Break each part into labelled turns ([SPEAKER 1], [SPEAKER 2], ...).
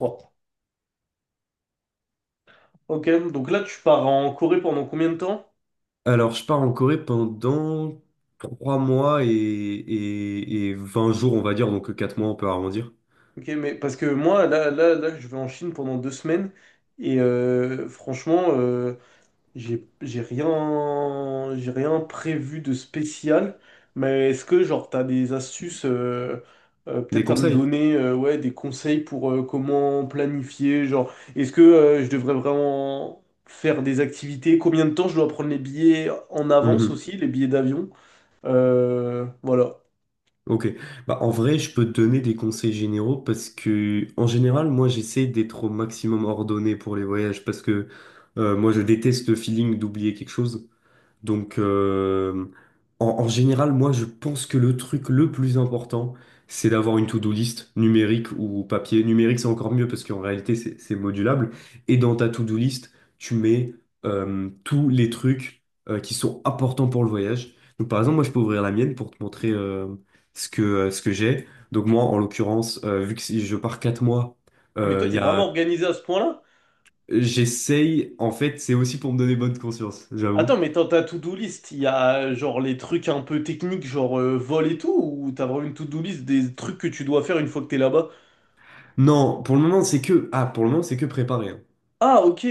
[SPEAKER 1] Oh, ok, donc là tu pars en Corée pendant combien de temps?
[SPEAKER 2] Alors, je pars en Corée pendant 3 mois et 20 jours, on va dire, donc 4 mois, on peut arrondir.
[SPEAKER 1] Ok, mais parce que moi là, là, là je vais en Chine pendant 2 semaines et franchement j'ai rien prévu de spécial. Mais est-ce que genre t'as des astuces
[SPEAKER 2] Des
[SPEAKER 1] peut-être à me
[SPEAKER 2] conseils?
[SPEAKER 1] donner ouais des conseils pour comment planifier genre est-ce que je devrais vraiment faire des activités? Combien de temps je dois prendre les billets en avance
[SPEAKER 2] Mhm.
[SPEAKER 1] aussi les billets d'avion? Voilà.
[SPEAKER 2] Ok. Bah, en vrai, je peux te donner des conseils généraux parce que, en général, moi, j'essaie d'être au maximum ordonné pour les voyages parce que moi, je déteste le feeling d'oublier quelque chose. Donc, en général, moi, je pense que le truc le plus important, c'est d'avoir une to-do list numérique ou papier. Numérique, c'est encore mieux parce qu'en réalité, c'est modulable. Et dans ta to-do list, tu mets tous les trucs qui sont importants pour le voyage. Donc, par exemple, moi, je peux ouvrir la mienne pour te montrer ce que j'ai. Donc, moi, en l'occurrence, vu que si je pars 4 mois,
[SPEAKER 1] Ah, mais toi,
[SPEAKER 2] il
[SPEAKER 1] t'es
[SPEAKER 2] y
[SPEAKER 1] vraiment
[SPEAKER 2] a...
[SPEAKER 1] organisé à ce point-là?
[SPEAKER 2] J'essaye, en fait, c'est aussi pour me donner bonne conscience, j'avoue.
[SPEAKER 1] Attends, mais dans ta to-do list, il y a genre les trucs un peu techniques, genre vol et tout, ou t'as vraiment une to-do list des trucs que tu dois faire une fois que t'es là-bas?
[SPEAKER 2] Non, pour le moment, pour le moment, c'est que préparer, hein.
[SPEAKER 1] Ah, ok.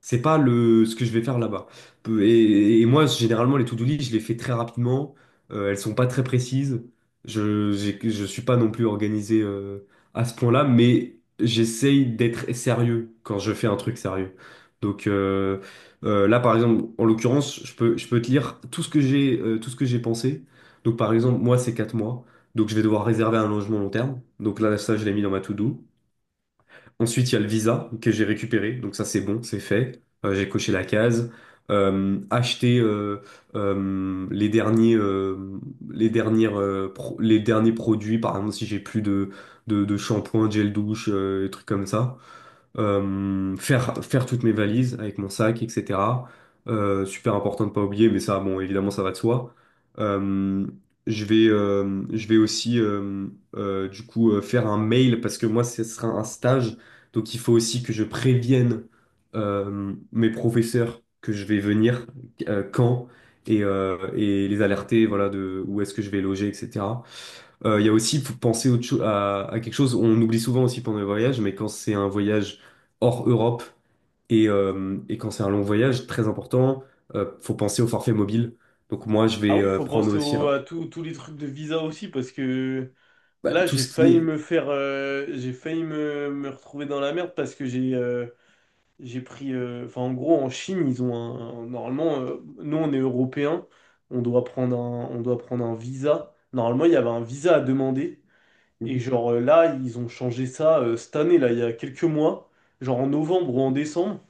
[SPEAKER 2] C'est pas le ce que je vais faire là-bas. Et moi, généralement, les to-do list, je les fais très rapidement. Elles sont pas très précises. Je suis pas non plus organisé à ce point-là, mais j'essaye d'être sérieux quand je fais un truc sérieux. Donc euh, Là, par exemple, en l'occurrence, je peux te lire tout ce que j'ai, tout ce que j'ai pensé. Donc par exemple, moi, c'est 4 mois. Donc je vais devoir réserver un logement long terme. Donc là, ça, je l'ai mis dans ma to-do. Ensuite, il y a le visa que j'ai récupéré. Donc ça, c'est bon, c'est fait. J'ai coché la case. Acheter euh, les derniers, euh, les derniers produits. Par exemple, si j'ai plus de shampoing, gel douche, des trucs comme ça, faire toutes mes valises avec mon sac, etc. Super important de pas oublier, mais ça, bon, évidemment, ça va de soi. Euh, je vais aussi, du coup, faire un mail parce que moi, ce sera un stage. Donc, il faut aussi que je prévienne mes professeurs que je vais venir, quand, et les alerter, voilà, de où est-ce que je vais loger, etc. Il y a aussi, faut penser autre cho- à quelque chose, on oublie souvent aussi pendant les voyages, mais quand c'est un voyage hors Europe. Et quand c'est un long voyage, très important, faut penser au forfait mobile. Donc moi, je
[SPEAKER 1] Ah
[SPEAKER 2] vais
[SPEAKER 1] oui, faut
[SPEAKER 2] prendre
[SPEAKER 1] penser
[SPEAKER 2] aussi un-
[SPEAKER 1] à tous les trucs de visa aussi, parce que
[SPEAKER 2] bah,
[SPEAKER 1] là,
[SPEAKER 2] tout ce qui est...
[SPEAKER 1] j'ai failli me retrouver dans la merde parce que j'ai pris, enfin, en gros, en Chine, ils ont normalement, nous, on est européens, on doit prendre un visa. Normalement, il y avait un visa à demander. Et genre là, ils ont changé ça cette année, là, il y a quelques mois, genre en novembre ou en décembre.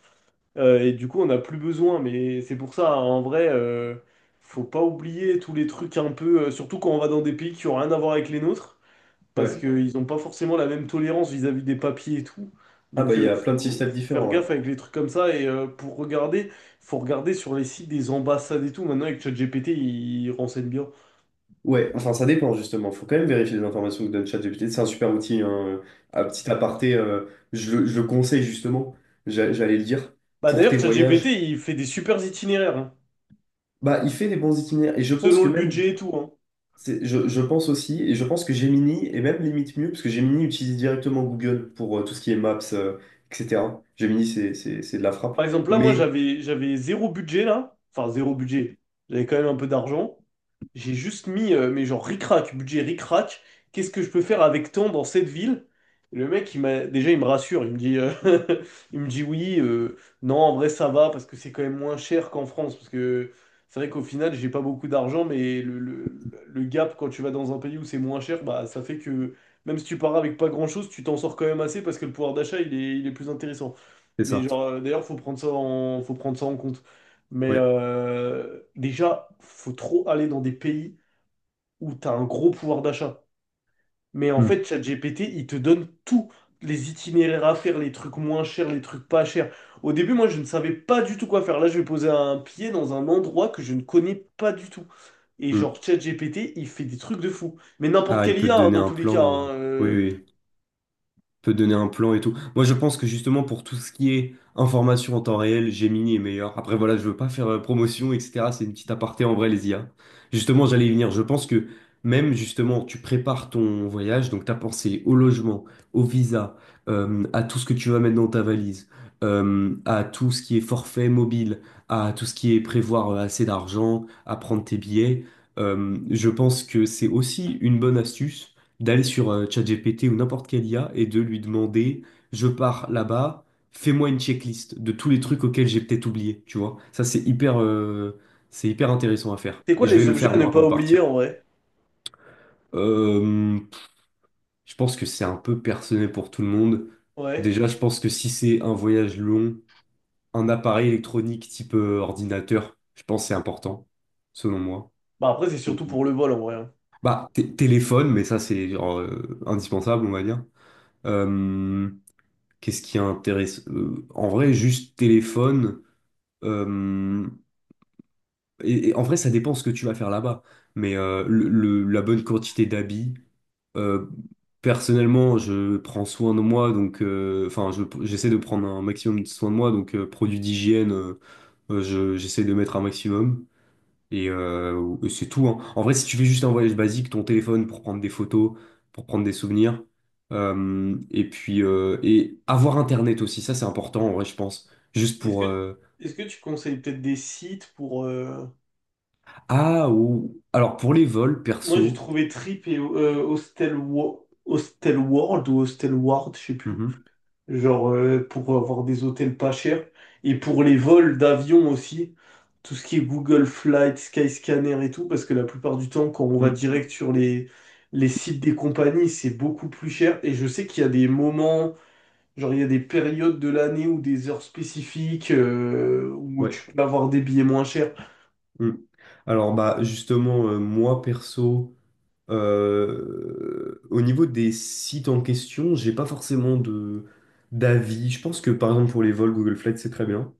[SPEAKER 1] Et du coup, on n'a plus besoin. Mais c'est pour ça, hein, en vrai, faut pas oublier tous les trucs un peu, surtout quand on va dans des pays qui ont rien à voir avec les nôtres, parce
[SPEAKER 2] Ouais.
[SPEAKER 1] qu'ils n'ont pas forcément la même tolérance vis-à-vis des papiers et tout.
[SPEAKER 2] Ah bah
[SPEAKER 1] Donc,
[SPEAKER 2] il y a plein de
[SPEAKER 1] faut,
[SPEAKER 2] systèmes
[SPEAKER 1] faut faire
[SPEAKER 2] différents, ouais.
[SPEAKER 1] gaffe avec les trucs comme ça. Et pour regarder, faut regarder sur les sites des ambassades et tout. Maintenant, avec ChatGPT, il renseigne bien.
[SPEAKER 2] Ouais, enfin ça dépend justement, faut quand même vérifier les informations que donne ChatGPT, c'est un super outil, hein. Un petit aparté, je le conseille justement. J'allais le dire,
[SPEAKER 1] Bah
[SPEAKER 2] pour
[SPEAKER 1] d'ailleurs,
[SPEAKER 2] tes
[SPEAKER 1] ChatGPT,
[SPEAKER 2] voyages.
[SPEAKER 1] il fait des super itinéraires, hein,
[SPEAKER 2] Bah il fait des bons itinéraires, et je pense
[SPEAKER 1] selon
[SPEAKER 2] que
[SPEAKER 1] le
[SPEAKER 2] même
[SPEAKER 1] budget et tout, hein.
[SPEAKER 2] Je pense aussi, et je pense que Gemini est même limite mieux, parce que Gemini utilise directement Google pour tout ce qui est Maps, etc. Gemini, c'est de la frappe.
[SPEAKER 1] Par exemple, là, moi,
[SPEAKER 2] Mais...
[SPEAKER 1] j'avais zéro budget, là. Enfin, zéro budget. J'avais quand même un peu d'argent. J'ai juste mis, mais genre ric-rac, budget ric-rac, qu'est-ce que je peux faire avec tant dans cette ville? Et le mec, il m'a déjà, il me rassure, il me dit, il me dit oui, non, en vrai, ça va, parce que c'est quand même moins cher qu'en France, parce que c'est vrai qu'au final, j'ai pas beaucoup d'argent, mais le gap, quand tu vas dans un pays où c'est moins cher, bah, ça fait que même si tu pars avec pas grand-chose, tu t'en sors quand même assez, parce que le pouvoir d'achat, il est plus intéressant.
[SPEAKER 2] C'est
[SPEAKER 1] Mais
[SPEAKER 2] ça,
[SPEAKER 1] genre, d'ailleurs, faut prendre ça en compte. Mais
[SPEAKER 2] ouais.
[SPEAKER 1] déjà, faut trop aller dans des pays où tu as un gros pouvoir d'achat. Mais en
[SPEAKER 2] Hmm,
[SPEAKER 1] fait, ChatGPT, il te donne tous les itinéraires à faire, les trucs moins chers, les trucs pas chers. Au début, moi, je ne savais pas du tout quoi faire. Là, je vais poser un pied dans un endroit que je ne connais pas du tout. Et genre,
[SPEAKER 2] hmm.
[SPEAKER 1] ChatGPT, il fait des trucs de fou. Mais n'importe
[SPEAKER 2] Ah, il
[SPEAKER 1] quelle
[SPEAKER 2] peut te
[SPEAKER 1] IA, hein,
[SPEAKER 2] donner
[SPEAKER 1] dans
[SPEAKER 2] un
[SPEAKER 1] tous les cas.
[SPEAKER 2] plan.
[SPEAKER 1] hein,
[SPEAKER 2] Oui,
[SPEAKER 1] euh.
[SPEAKER 2] oui. Peut donner un plan et tout. Moi, je pense que justement, pour tout ce qui est information en temps réel, Gemini est meilleur. Après, voilà, je veux pas faire promotion, etc. C'est une petite aparté en vrai, les IA. Justement, j'allais y venir. Je pense que même justement, tu prépares ton voyage, donc tu as pensé au logement, au visa, à tout ce que tu vas mettre dans ta valise, à tout ce qui est forfait mobile, à tout ce qui est prévoir assez d'argent, à prendre tes billets. Je pense que c'est aussi une bonne astuce d'aller sur ChatGPT ou n'importe quelle IA et de lui demander, je pars là-bas, fais-moi une checklist de tous les trucs auxquels j'ai peut-être oublié, tu vois. Ça, c'est hyper intéressant à faire.
[SPEAKER 1] C'est quoi
[SPEAKER 2] Et je vais
[SPEAKER 1] les
[SPEAKER 2] le
[SPEAKER 1] objets
[SPEAKER 2] faire
[SPEAKER 1] à ne
[SPEAKER 2] moi
[SPEAKER 1] pas
[SPEAKER 2] avant de
[SPEAKER 1] oublier
[SPEAKER 2] partir.
[SPEAKER 1] en vrai?
[SPEAKER 2] Euh, je pense que c'est un peu personnel pour tout le monde.
[SPEAKER 1] Ouais.
[SPEAKER 2] Déjà, je pense que si c'est un voyage long, un appareil électronique type ordinateur, je pense que c'est important, selon moi.
[SPEAKER 1] Bah après, c'est surtout pour le vol en vrai, hein.
[SPEAKER 2] Bah, téléphone, mais ça c'est genre, indispensable, on va dire. Euh, Qu'est-ce qui intéresse? En vrai, juste téléphone. euh, et en vrai, ça dépend ce que tu vas faire là-bas. Mais la bonne quantité d'habits. euh, Personnellement, je prends soin de moi, donc enfin, j'essaie de prendre un maximum de soin de moi, donc produits d'hygiène, j'essaie de mettre un maximum. Et c'est tout, hein. En vrai, si tu fais juste un voyage basique, ton téléphone pour prendre des photos, pour prendre des souvenirs, et puis et avoir Internet aussi, ça c'est important en vrai, je pense. Juste
[SPEAKER 1] Est-ce que,
[SPEAKER 2] pour
[SPEAKER 1] est-ce que tu conseilles peut-être des sites pour.
[SPEAKER 2] ah ou alors pour les vols
[SPEAKER 1] Moi, j'ai
[SPEAKER 2] perso.
[SPEAKER 1] trouvé Trip et Hostel, Hostel World ou Hostel Ward, je sais plus.
[SPEAKER 2] Mhm.
[SPEAKER 1] Genre, pour avoir des hôtels pas chers. Et pour les vols d'avion aussi. Tout ce qui est Google Flight, Skyscanner et tout. Parce que la plupart du temps, quand on va
[SPEAKER 2] Mm.
[SPEAKER 1] direct sur les sites des compagnies, c'est beaucoup plus cher. Et je sais qu'il y a des moments, genre, il y a des périodes de l'année ou des heures spécifiques où
[SPEAKER 2] Ouais.
[SPEAKER 1] tu peux avoir des billets moins chers.
[SPEAKER 2] Mm. Alors bah justement moi perso, au niveau des sites en question, j'ai pas forcément de d'avis. Je pense que par exemple pour les vols Google Flight c'est très bien.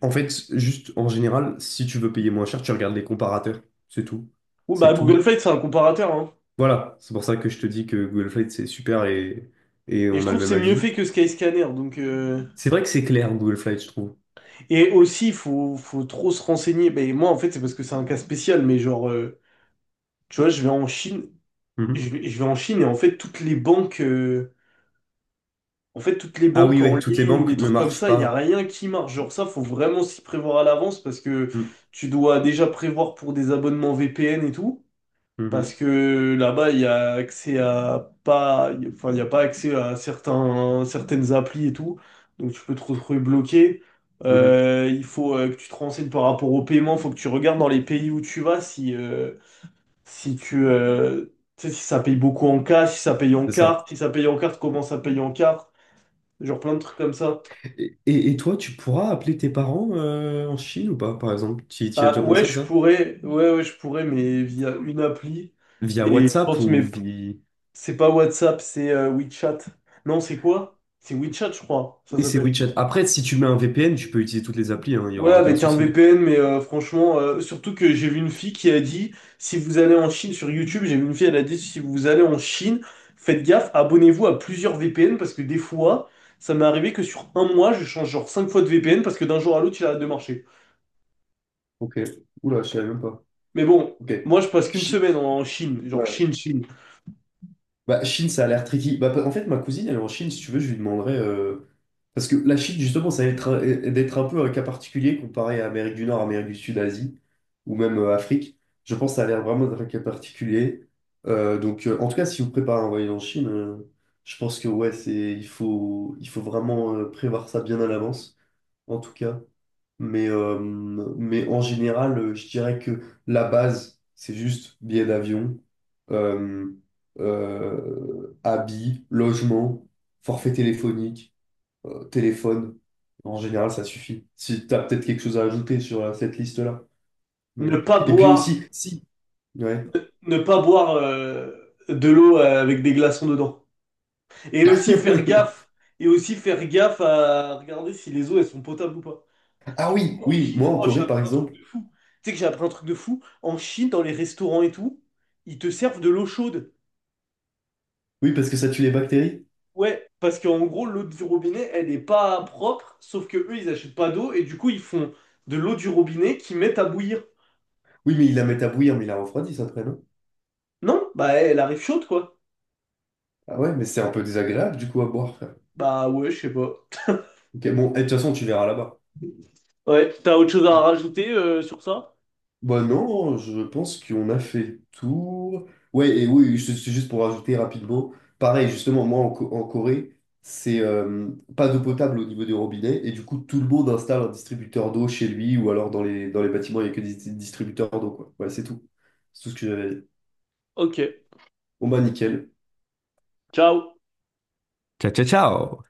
[SPEAKER 2] En fait, juste en général, si tu veux payer moins cher, tu regardes les comparateurs. C'est tout.
[SPEAKER 1] Ou bah,
[SPEAKER 2] C'est tout.
[SPEAKER 1] Google Flight, c'est un comparateur, hein.
[SPEAKER 2] Voilà, c'est pour ça que je te dis que Google Flight, c'est super, et
[SPEAKER 1] Et je
[SPEAKER 2] on a le
[SPEAKER 1] trouve que
[SPEAKER 2] même
[SPEAKER 1] c'est mieux
[SPEAKER 2] avis.
[SPEAKER 1] fait que Skyscanner. Donc.
[SPEAKER 2] C'est vrai que c'est clair, Google Flight, je trouve.
[SPEAKER 1] Et aussi, faut trop se renseigner. Ben, moi, en fait, c'est parce que c'est un cas spécial, mais genre, tu vois,
[SPEAKER 2] Mhm.
[SPEAKER 1] je vais en Chine et en fait, toutes les banques, en fait, toutes les
[SPEAKER 2] Ah
[SPEAKER 1] banques
[SPEAKER 2] oui,
[SPEAKER 1] en
[SPEAKER 2] ouais, toutes les
[SPEAKER 1] ligne ou
[SPEAKER 2] banques
[SPEAKER 1] les
[SPEAKER 2] ne
[SPEAKER 1] trucs comme
[SPEAKER 2] marchent
[SPEAKER 1] ça, il n'y a
[SPEAKER 2] pas.
[SPEAKER 1] rien qui marche. Genre, ça, faut vraiment s'y prévoir à l'avance parce que
[SPEAKER 2] Mhm,
[SPEAKER 1] tu dois déjà prévoir pour des abonnements VPN et tout. Parce
[SPEAKER 2] mhm,
[SPEAKER 1] que là-bas, il y a accès à pas, enfin, il n'y a pas accès à certaines applis et tout. Donc, tu peux te retrouver bloqué.
[SPEAKER 2] mhm.
[SPEAKER 1] Il faut que tu te renseignes par rapport au paiement. Il faut que tu regardes dans les pays où tu vas si, si tu, tu sais, si ça paye beaucoup en cash, si ça paye en
[SPEAKER 2] C'est ça.
[SPEAKER 1] carte, si ça paye en carte, comment ça paye en carte. Genre plein de trucs comme ça.
[SPEAKER 2] Et toi, tu pourras appeler tes parents en Chine ou pas, par exemple? Tu y as
[SPEAKER 1] Ah,
[SPEAKER 2] déjà
[SPEAKER 1] ouais,
[SPEAKER 2] pensé à
[SPEAKER 1] je
[SPEAKER 2] ça?
[SPEAKER 1] pourrais, ouais, ouais, je pourrais, mais via une appli.
[SPEAKER 2] Via
[SPEAKER 1] Et je
[SPEAKER 2] WhatsApp
[SPEAKER 1] pense
[SPEAKER 2] ou
[SPEAKER 1] mes.
[SPEAKER 2] via...
[SPEAKER 1] C'est pas WhatsApp, c'est WeChat. Non, c'est quoi? C'est WeChat, je crois, ça
[SPEAKER 2] Oui, c'est
[SPEAKER 1] s'appelle.
[SPEAKER 2] WeChat. Après, si tu mets un VPN, tu peux utiliser toutes les applis, hein, il n'y
[SPEAKER 1] Ouais,
[SPEAKER 2] aura aucun
[SPEAKER 1] avec un
[SPEAKER 2] souci.
[SPEAKER 1] VPN, mais franchement, surtout que j'ai vu une fille qui a dit, si vous allez en Chine sur YouTube, j'ai vu une fille, elle a dit, si vous allez en Chine, faites gaffe, abonnez-vous à plusieurs VPN, parce que des fois, ça m'est arrivé que sur un mois, je change genre 5 fois de VPN, parce que d'un jour à l'autre, il arrête de marcher.
[SPEAKER 2] Ok. Oula, je savais même pas.
[SPEAKER 1] Mais bon,
[SPEAKER 2] Ok.
[SPEAKER 1] moi, je passe qu'une
[SPEAKER 2] Chi-
[SPEAKER 1] semaine en Chine, genre
[SPEAKER 2] Ouais.
[SPEAKER 1] Chine, Chine.
[SPEAKER 2] Bah, Chine, ça a l'air tricky. Bah, en fait, ma cousine, elle est en Chine, si tu veux, je lui demanderai. Parce que la Chine, justement, ça va être un- d'être un peu un cas particulier comparé à Amérique du Nord, Amérique du Sud, Asie, ou même Afrique. Je pense que ça a l'air vraiment d'être un cas particulier. Donc, en tout cas, si vous préparez un voyage en Chine, je pense que ouais, c'est, il faut vraiment prévoir ça bien à l'avance, en tout cas. Mais en général, je dirais que la base, c'est juste billet d'avion, euh, habits, logement, forfait téléphonique, téléphone. En général, ça suffit. Si tu as peut-être quelque chose à ajouter sur cette liste-là.
[SPEAKER 1] Ne
[SPEAKER 2] Mais...
[SPEAKER 1] pas
[SPEAKER 2] Et puis aussi,
[SPEAKER 1] boire,
[SPEAKER 2] si. Ouais.
[SPEAKER 1] ne pas boire de l'eau avec des glaçons dedans. Et aussi faire gaffe. Et aussi faire gaffe à regarder si les eaux elles sont potables ou pas.
[SPEAKER 2] Ah
[SPEAKER 1] Tu sais,
[SPEAKER 2] oui,
[SPEAKER 1] en
[SPEAKER 2] oui, moi
[SPEAKER 1] Chine,
[SPEAKER 2] en
[SPEAKER 1] oh, j'ai
[SPEAKER 2] Corée, par
[SPEAKER 1] appris un
[SPEAKER 2] exemple.
[SPEAKER 1] truc de fou. Tu sais que j'ai appris un truc de fou. En Chine, dans les restaurants et tout, ils te servent de l'eau chaude.
[SPEAKER 2] Oui, parce que ça tue les bactéries.
[SPEAKER 1] Ouais, parce qu'en gros, l'eau du robinet, elle n'est pas propre, sauf que eux, ils achètent pas d'eau et du coup, ils font de l'eau du robinet qu'ils mettent à bouillir.
[SPEAKER 2] Oui, mais ils la mettent à bouillir, mais ils la refroidissent après, non?
[SPEAKER 1] Non, bah elle arrive chaude quoi.
[SPEAKER 2] Ah ouais, mais c'est un peu désagréable du coup à boire, frère.
[SPEAKER 1] Bah ouais, je sais pas.
[SPEAKER 2] Ok, bon, et de toute façon, tu verras là-bas.
[SPEAKER 1] Ouais, t'as autre chose à rajouter sur ça?
[SPEAKER 2] Bah non, je pense qu'on a fait le tour. Oui, c'est juste pour rajouter rapidement. Pareil, justement, en Corée, c'est pas d'eau potable au niveau des robinets, et du coup, tout le monde installe un distributeur d'eau chez lui, ou alors dans les bâtiments, il n'y a que des distributeurs d'eau, quoi. Ouais, c'est tout. C'est tout ce que j'avais à dire.
[SPEAKER 1] Ok,
[SPEAKER 2] Bon bah nickel.
[SPEAKER 1] ciao.
[SPEAKER 2] Ciao, ciao, ciao!